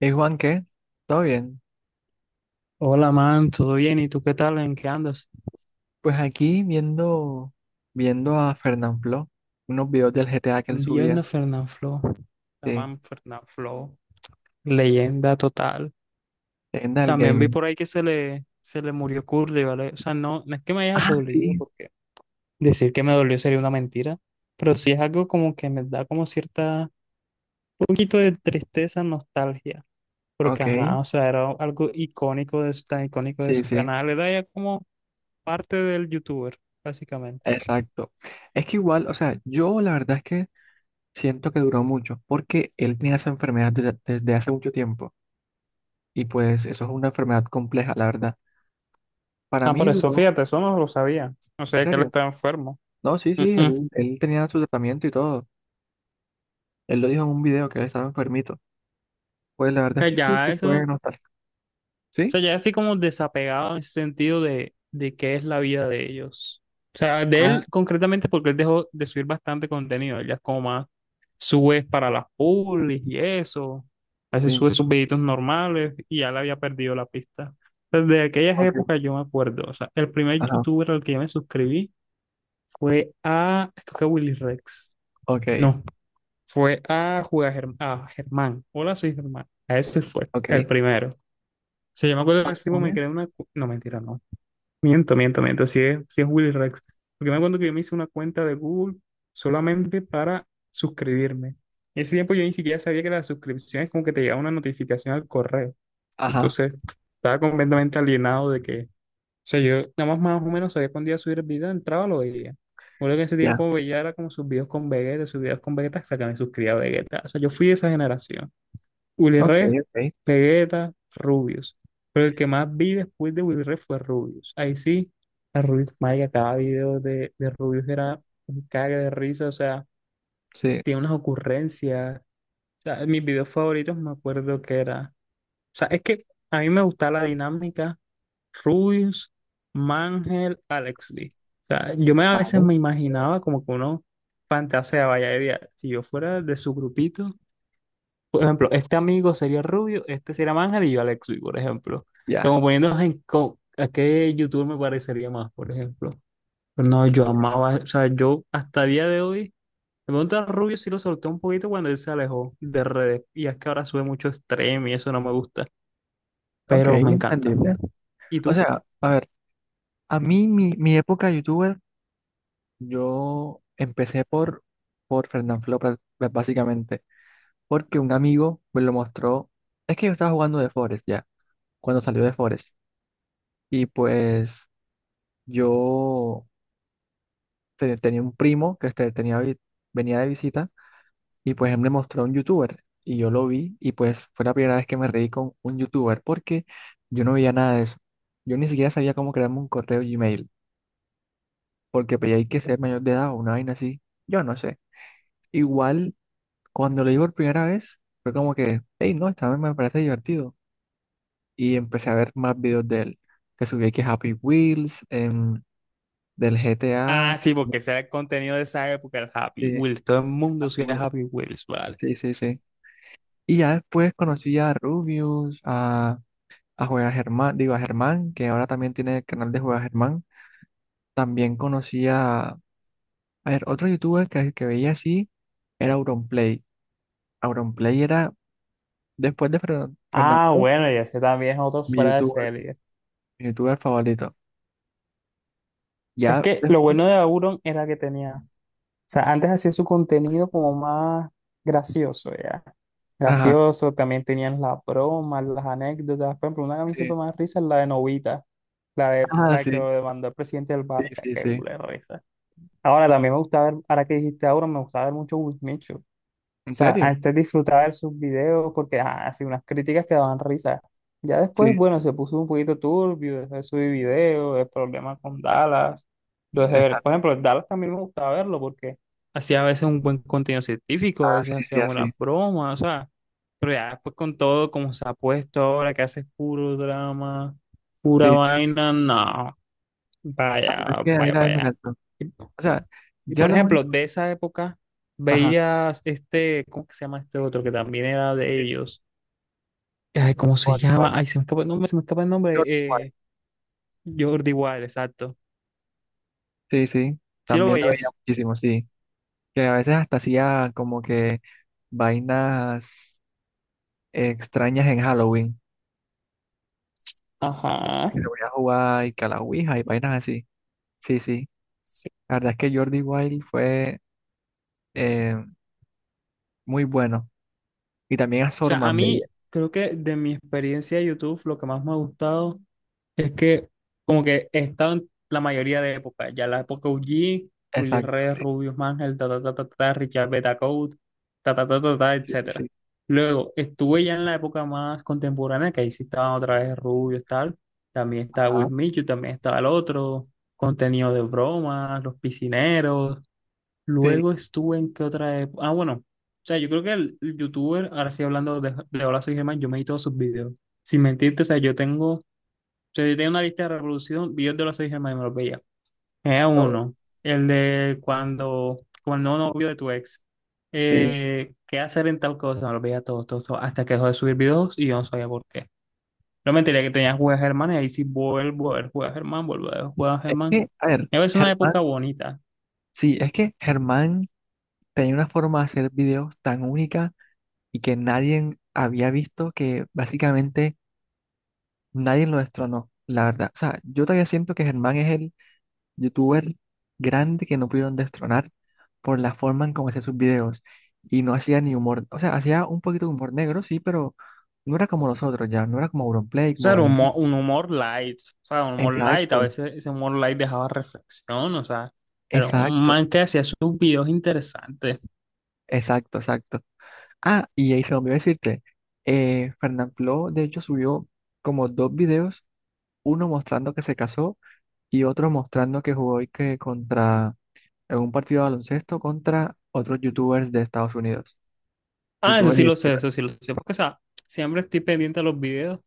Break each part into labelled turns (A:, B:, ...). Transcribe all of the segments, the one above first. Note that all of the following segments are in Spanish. A: Hey Juan, ¿qué? ¿Todo bien?
B: Hola, man, ¿todo bien? ¿Y tú qué tal? ¿En qué andas?
A: Pues aquí viendo a Fernanfloo, unos videos del GTA que él
B: Viendo
A: subía,
B: Fernanfloo, la
A: sí,
B: man Fernanfloo, leyenda total.
A: leyenda del
B: También vi
A: gaming.
B: por ahí que se le murió Curly, ¿vale? O sea, no es que me haya
A: Ah,
B: dolido,
A: sí,
B: porque decir que me dolió sería una mentira, pero sí es algo como que me da como cierta, un poquito de tristeza, nostalgia, porque
A: ok,
B: ajá, o sea, era algo icónico de, tan icónico de
A: sí,
B: su
A: sí,
B: canal, era ya como parte del youtuber, básicamente.
A: exacto. Es que igual, o sea, yo la verdad es que siento que duró mucho, porque él tenía esa enfermedad desde hace mucho tiempo, y pues eso es una enfermedad compleja, la verdad. Para
B: Ah,
A: mí
B: por eso,
A: duró,
B: fíjate, eso no lo sabía. No
A: en
B: sabía que él
A: serio.
B: estaba enfermo.
A: No, sí, sí,
B: Mm. O
A: él tenía su tratamiento y todo. Él lo dijo en un video que él estaba enfermito. Pues la verdad
B: sea,
A: es que sí,
B: ya
A: sí
B: eso,
A: fue
B: o
A: nostálgico. ¿Sí?
B: sea, ya estoy como desapegado en ese sentido de qué es la vida de ellos. O sea, de
A: Ah,
B: él concretamente porque él dejó de subir bastante contenido. Él ya es como más, sube para las publis y eso. A veces
A: sí.
B: sube sus videitos normales y ya le había perdido la pista. Desde aquellas
A: Ok.
B: épocas yo me acuerdo. O sea, el primer
A: Ajá.
B: youtuber al que yo me suscribí fue a, creo que a Willy Rex.
A: Ok.
B: No, fue a a Germán. Hola, soy Germán. A ese fue el
A: Ok.
B: primero. Sea, yo me acuerdo que
A: Vale,
B: ese tipo me
A: vale.
B: creó una... No, mentira, no. Miento. Sí es Willy Rex. Porque me acuerdo que yo me hice una cuenta de Google solamente para suscribirme. En ese tiempo yo ni siquiera sabía que las suscripciones como que te llegaba una notificación al correo.
A: Ajá.
B: Entonces, estaba completamente alienado de que... O sea, yo nada más más o menos sabía cuándo iba a subir el video, entraba, lo veía. Me que en ese
A: Ya.
B: tiempo veía era como sus videos con Vegeta, sus videos con Vegeta hasta que me suscribía a Vegeta. O sea, yo fui de esa generación. Willy
A: Ok,
B: Rex,
A: ok.
B: Vegeta, Rubius. Pero el que más vi después de Willy Rex fue Rubius. Ahí sí, a Rubius, marica, cada video de Rubius era un cague de risa, o sea,
A: Sí.
B: tiene unas ocurrencias. O sea, mis videos favoritos me acuerdo que era. O sea, es que a mí me gustaba la dinámica Rubius, Mangel, Alex B. O sea, a veces
A: Vale.
B: me imaginaba como que uno fantaseaba, vaya, idea, si yo fuera de su grupito. Por ejemplo, este amigo sería Rubio, este sería Ángel y yo Alexui, por ejemplo. O sea,
A: Ya.
B: como poniéndonos en a qué youtuber me parecería más, por ejemplo. Pero no, yo amaba, o sea, yo hasta día de hoy, me pregunta Rubio si lo solté un poquito cuando él se alejó de redes. Y es que ahora sube mucho stream y eso no me gusta,
A: Ok,
B: pero me encanta.
A: entendible.
B: ¿Y
A: O
B: tú?
A: sea, a ver, a mí mi época youtuber, yo empecé por Fernanfloo básicamente, porque un amigo me lo mostró. Es que yo estaba jugando de Forest ya, cuando salió de Forest. Y pues yo tenía un primo que este, tenía, venía de visita. Y pues él me mostró a un youtuber y yo lo vi y pues fue la primera vez que me reí con un youtuber porque yo no veía nada de eso. Yo ni siquiera sabía cómo crearme un correo Gmail porque pues, hay que ser mayor de edad o una vaina así. Yo no sé. Igual cuando lo vi por primera vez fue como que, hey, no, esta vez me parece divertido. Y empecé a ver más videos de él que subí que Happy Wheels, del GTA,
B: Ah, sí, porque ese era el contenido de esa época, el Happy
A: de
B: Wheels. Todo el mundo
A: Happy
B: subía
A: Wheels.
B: Happy Wheels, vale.
A: Sí, sí, sí. Y ya después conocí a Rubius, a Juega Germán, digo a Germán, que ahora también tiene el canal de Juega Germán. También conocía, a ver, otro youtuber que veía así era Auronplay. Auronplay era, después de Fernando,
B: Ah, bueno, y ese también es otro
A: mi
B: fuera de
A: youtuber,
B: serie.
A: mi youtuber favorito.
B: Es
A: Ya
B: que lo
A: después,
B: bueno de Auron era que tenía sea, antes hacía su contenido como más gracioso, ya.
A: ajá,
B: Gracioso, también tenían las bromas, las anécdotas. Por ejemplo, una que a mí
A: sí,
B: siempre me da risa es la de Novita, la de
A: ajá,
B: la que
A: sí,
B: lo demandó el presidente del
A: sí,
B: Barca,
A: sí,
B: qué
A: sí.
B: culero esa. Ahora también me gusta ver, ahora que dijiste ahora, me gusta ver mucho Wismichu
A: ¿En
B: sea,
A: serio?
B: antes disfrutaba de sus videos porque ah, hacía unas críticas que daban risa. Ya después,
A: Sí,
B: bueno, se puso un poquito turbio, dejé de subir videos, el problema con Dallas. Lo dejé ver.
A: exacto,
B: Por ejemplo, Dallas también me gustaba verlo porque hacía a veces un buen contenido
A: ah,
B: científico, a veces
A: sí, sí,
B: hacía buenas
A: así,
B: bromas, o sea. Pero ya después con todo como se ha puesto ahora, que hace puro drama, pura
A: sí.
B: vaina, no,
A: La verdad es
B: vaya,
A: que a mí
B: vaya para
A: también me
B: allá.
A: encantó. O sea,
B: Y
A: ya
B: por
A: lo
B: ejemplo,
A: único,
B: de esa época
A: ajá,
B: veías este, ¿cómo que se llama este otro que también era
A: sí,
B: de ellos? Ay, ¿cómo se
A: cuál,
B: llama?
A: cuál,
B: Ay, se me escapa el nombre, se me escapa el nombre.
A: Jordi Wild.
B: eh, Jordi Wild, exacto.
A: Sí, sí,
B: Sí lo
A: también lo veía
B: veías.
A: muchísimo, sí. Que a veces hasta hacía como que vainas extrañas en Halloween,
B: Ajá.
A: que se voy a jugar y que a la Ouija y vainas así. Sí, sí,
B: Sí.
A: la verdad es que Jordi Wild fue eh, muy bueno y también a
B: O sea, a
A: Sorman veía.
B: mí creo que de mi experiencia de YouTube, lo que más me ha gustado. Es que como que he estado en la mayoría de épocas, ya la época OG, Willy
A: Exacto,
B: Red,
A: sí,
B: Rubius Mangel, ta ta ta ta ta, Richard Betancourt, ta ta ta ta ta,
A: sí, sí, sí.
B: etcétera. Luego estuve ya en la época más contemporánea, que ahí sí estaban otra vez Rubius tal, también estaba With
A: Ajá,
B: Michu, también estaba el otro, contenido de bromas, los piscineros.
A: sí,
B: Luego estuve en qué otra época, ah bueno, o sea yo creo que el youtuber, ahora sí hablando de Hola Soy Germán, yo me vi todos sus videos. Sin mentirte, o sea, yo tengo sea, yo tenía una lista de reproducción, videos de los 6 hermanos y me los veía. Era
A: todo,
B: uno, el de cuando, cuando no novio de tu ex,
A: sí.
B: qué hacer en tal cosa, me los veía todos, hasta que dejó de subir videos y yo no sabía por qué. No me enteré que tenía Juegas Germán y ahí sí vuelvo a ver Juegas Germán, vuelvo a ver Juegas
A: Es
B: Germán.
A: que, a ver,
B: Y a veces una
A: Germán,
B: época bonita.
A: sí, es que Germán tenía una forma de hacer videos tan única y que nadie había visto que básicamente nadie lo destronó, la verdad. O sea, yo todavía siento que Germán es el youtuber grande que no pudieron destronar por la forma en cómo hacía sus videos. Y no hacía ni humor, o sea, hacía un poquito de humor negro, sí, pero no era como nosotros ya, no era como Auronplay,
B: O sea,
A: como
B: era
A: Win-
B: un humor light, o sea, un humor light, a
A: Exacto,
B: veces ese humor light dejaba reflexión, o sea, era un
A: exacto,
B: man que hacía sus videos interesantes.
A: exacto, exacto. Ah, y ahí se me olvidó decirte, Fernanfloo, de hecho, subió como dos videos, uno mostrando que se casó y otro mostrando que jugó y que contra, en un partido de baloncesto contra otros youtubers de Estados Unidos.
B: Ah, eso
A: Youtubers
B: sí
A: y
B: lo sé,
A: streamers.
B: eso sí lo sé. Porque, o sea, siempre estoy pendiente a los videos.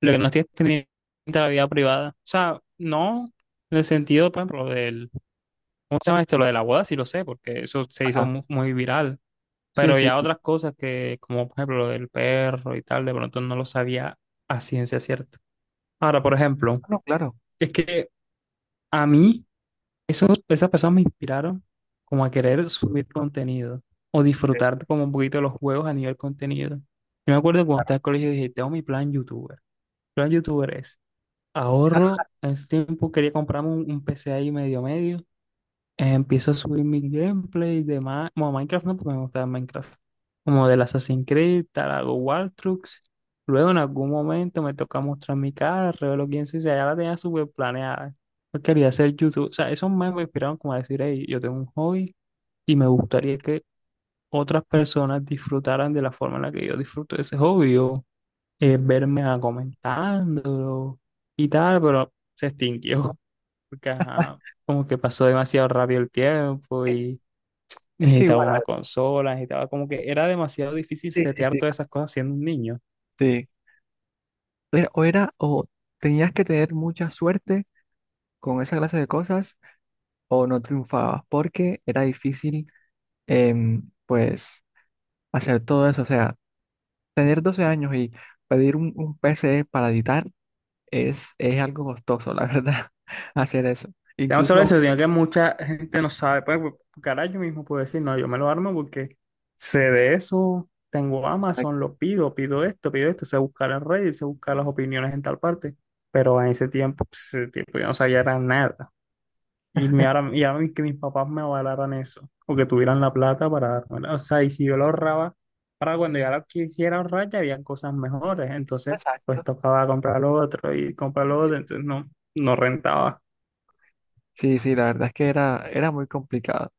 B: Lo que no estoy es pendiente a la vida privada. O sea, no en el sentido, por ejemplo, del. ¿Cómo se llama esto? Lo de la boda, sí lo sé, porque eso se hizo
A: Ajá,
B: muy, viral.
A: sí,
B: Pero
A: sí.
B: ya otras cosas que, como por ejemplo, lo del perro y tal, de pronto no lo sabía a ciencia cierta. Ahora, por ejemplo,
A: No, claro.
B: es que a mí. Esos, esas personas me inspiraron como a querer subir contenido o
A: Sí,
B: disfrutar como un poquito de los juegos a nivel contenido. Yo me acuerdo que cuando
A: claro.
B: estaba en el colegio dije, tengo mi plan youtuber. Mi plan youtuber es ahorro, en ese tiempo quería comprarme un PC ahí medio medio empiezo a subir mis gameplays de bueno, Minecraft, no, porque me gustaba Minecraft. Como del Assassin's Creed, tal, hago War Trucks. Luego en algún momento me toca mostrar mi cara, revelo quién soy, o sea, ya la tenía súper planeada. Yo quería hacer YouTube. O sea, esos memes me inspiraron como a decir, hey, yo tengo un hobby y me gustaría que otras personas disfrutaran de la forma en la que yo disfruto de ese hobby o verme a comentándolo y tal, pero se extinguió. Porque, ajá, como que pasó demasiado rápido el tiempo.
A: Es que
B: Necesitaba
A: igual,
B: una
A: ah,
B: consola, necesitaba como que era demasiado difícil
A: sí, sí,
B: setear
A: sí,
B: todas esas cosas siendo un niño.
A: sí. O era, o tenías que tener mucha suerte con esa clase de cosas, o no triunfabas, porque era difícil, pues, hacer todo eso. O sea, tener 12 años y pedir un PC para editar es algo costoso, la verdad, hacer eso.
B: Ya no solo
A: Incluso,
B: eso, sino que mucha gente no sabe. Pues, caray, yo mismo puedo decir, no, yo me lo armo porque sé de eso, tengo
A: exacto.
B: Amazon, lo pido, pido esto, sé buscar en Reddit, sé buscar las opiniones en tal parte. Pero en ese tiempo, pues, ese tiempo yo no sabía era nada. Y, y ahora que mis papás me avalaran eso, o que tuvieran la plata para dármela. O sea, y si yo lo ahorraba, para cuando ya lo quisiera ahorrar, ya habían cosas mejores. Entonces, pues
A: Exacto.
B: tocaba comprar lo otro y comprar lo otro, entonces no rentaba.
A: Sí, sí, la verdad es que era muy complicado.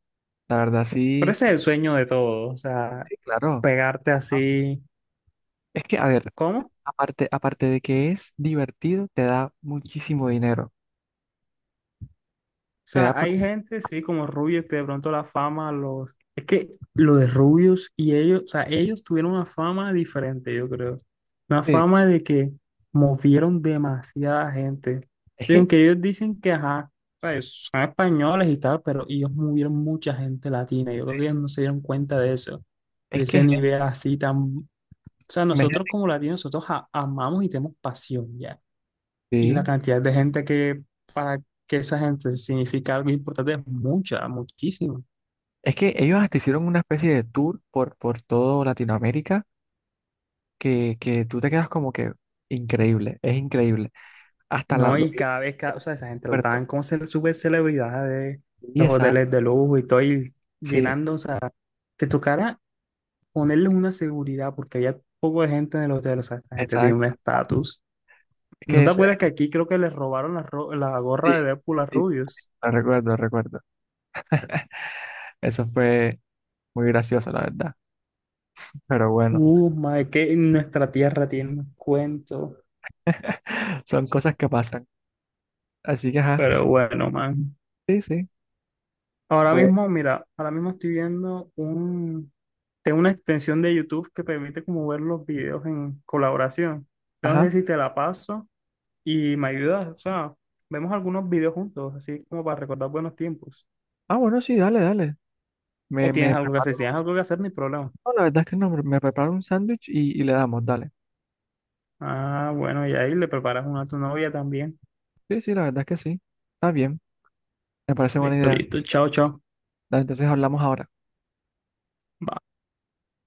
A: La verdad,
B: Pero
A: sí,
B: ese es el sueño de todo, o sea,
A: sí, claro.
B: pegarte así.
A: Es que, a ver,
B: ¿Cómo?
A: aparte de que es divertido, te da muchísimo dinero.
B: O
A: Te da
B: sea,
A: por.
B: hay gente, sí, como Rubius, que de pronto la fama los... Es que lo de Rubius y ellos, o sea, ellos tuvieron una fama diferente, yo creo. Una
A: Sí.
B: fama de que movieron demasiada gente. O
A: Es
B: sea,
A: que,
B: aunque ellos dicen que, ajá, pues, son españoles y tal, pero ellos movieron mucha gente latina. Yo creo que ellos no se dieron cuenta de eso, de
A: es
B: ese
A: que,
B: nivel así tan... O sea, nosotros
A: imagínate,
B: como latinos, nosotros amamos y tenemos pasión, ya. Y la
A: sí.
B: cantidad de gente que, para que esa gente significa algo importante es mucha, muchísima.
A: Es que ellos hasta hicieron una especie de tour por todo Latinoamérica que tú te quedas como que increíble, es increíble. Hasta la,
B: No,
A: los
B: y cada vez, o sea, esa gente lo
A: puertos.
B: estaban como ser súper celebridad de
A: Y
B: los
A: exacto,
B: hoteles de lujo y todo, y
A: sí,
B: llenando, o sea, te tocara ponerles una seguridad porque había poco de gente en el hotel, o sea, esa gente tiene un
A: exacto.
B: estatus.
A: Es
B: ¿No
A: que
B: te
A: eso es,
B: acuerdas que aquí creo que les robaron la
A: sí,
B: gorra de Deadpool a
A: sí,
B: Rubius?
A: lo recuerdo, lo recuerdo. Eso fue muy gracioso, la verdad. Pero bueno,
B: Madre, que nuestra tierra tiene un cuento.
A: son cosas que pasan. Así que, ajá,
B: Pero bueno, man.
A: sí, sí,
B: Ahora
A: fue,
B: mismo, mira, ahora mismo estoy viendo un, tengo una extensión de YouTube que permite como ver los videos en colaboración. No sé
A: ajá.
B: si te la paso y me ayudas, o sea, vemos algunos videos juntos, así como para recordar buenos tiempos.
A: Ah, bueno, sí, dale, dale.
B: O
A: Me,
B: tienes
A: me
B: algo que hacer, si
A: preparo.
B: tienes algo que hacer, ni problema.
A: No, la verdad es que no, me preparo un sándwich y le damos, dale.
B: Ah, bueno, y ahí le preparas una a tu novia también.
A: Sí, sí, la verdad es que sí. Está bien, me parece buena
B: Listo,
A: idea.
B: listo, chao, chao.
A: Dale, entonces hablamos ahora.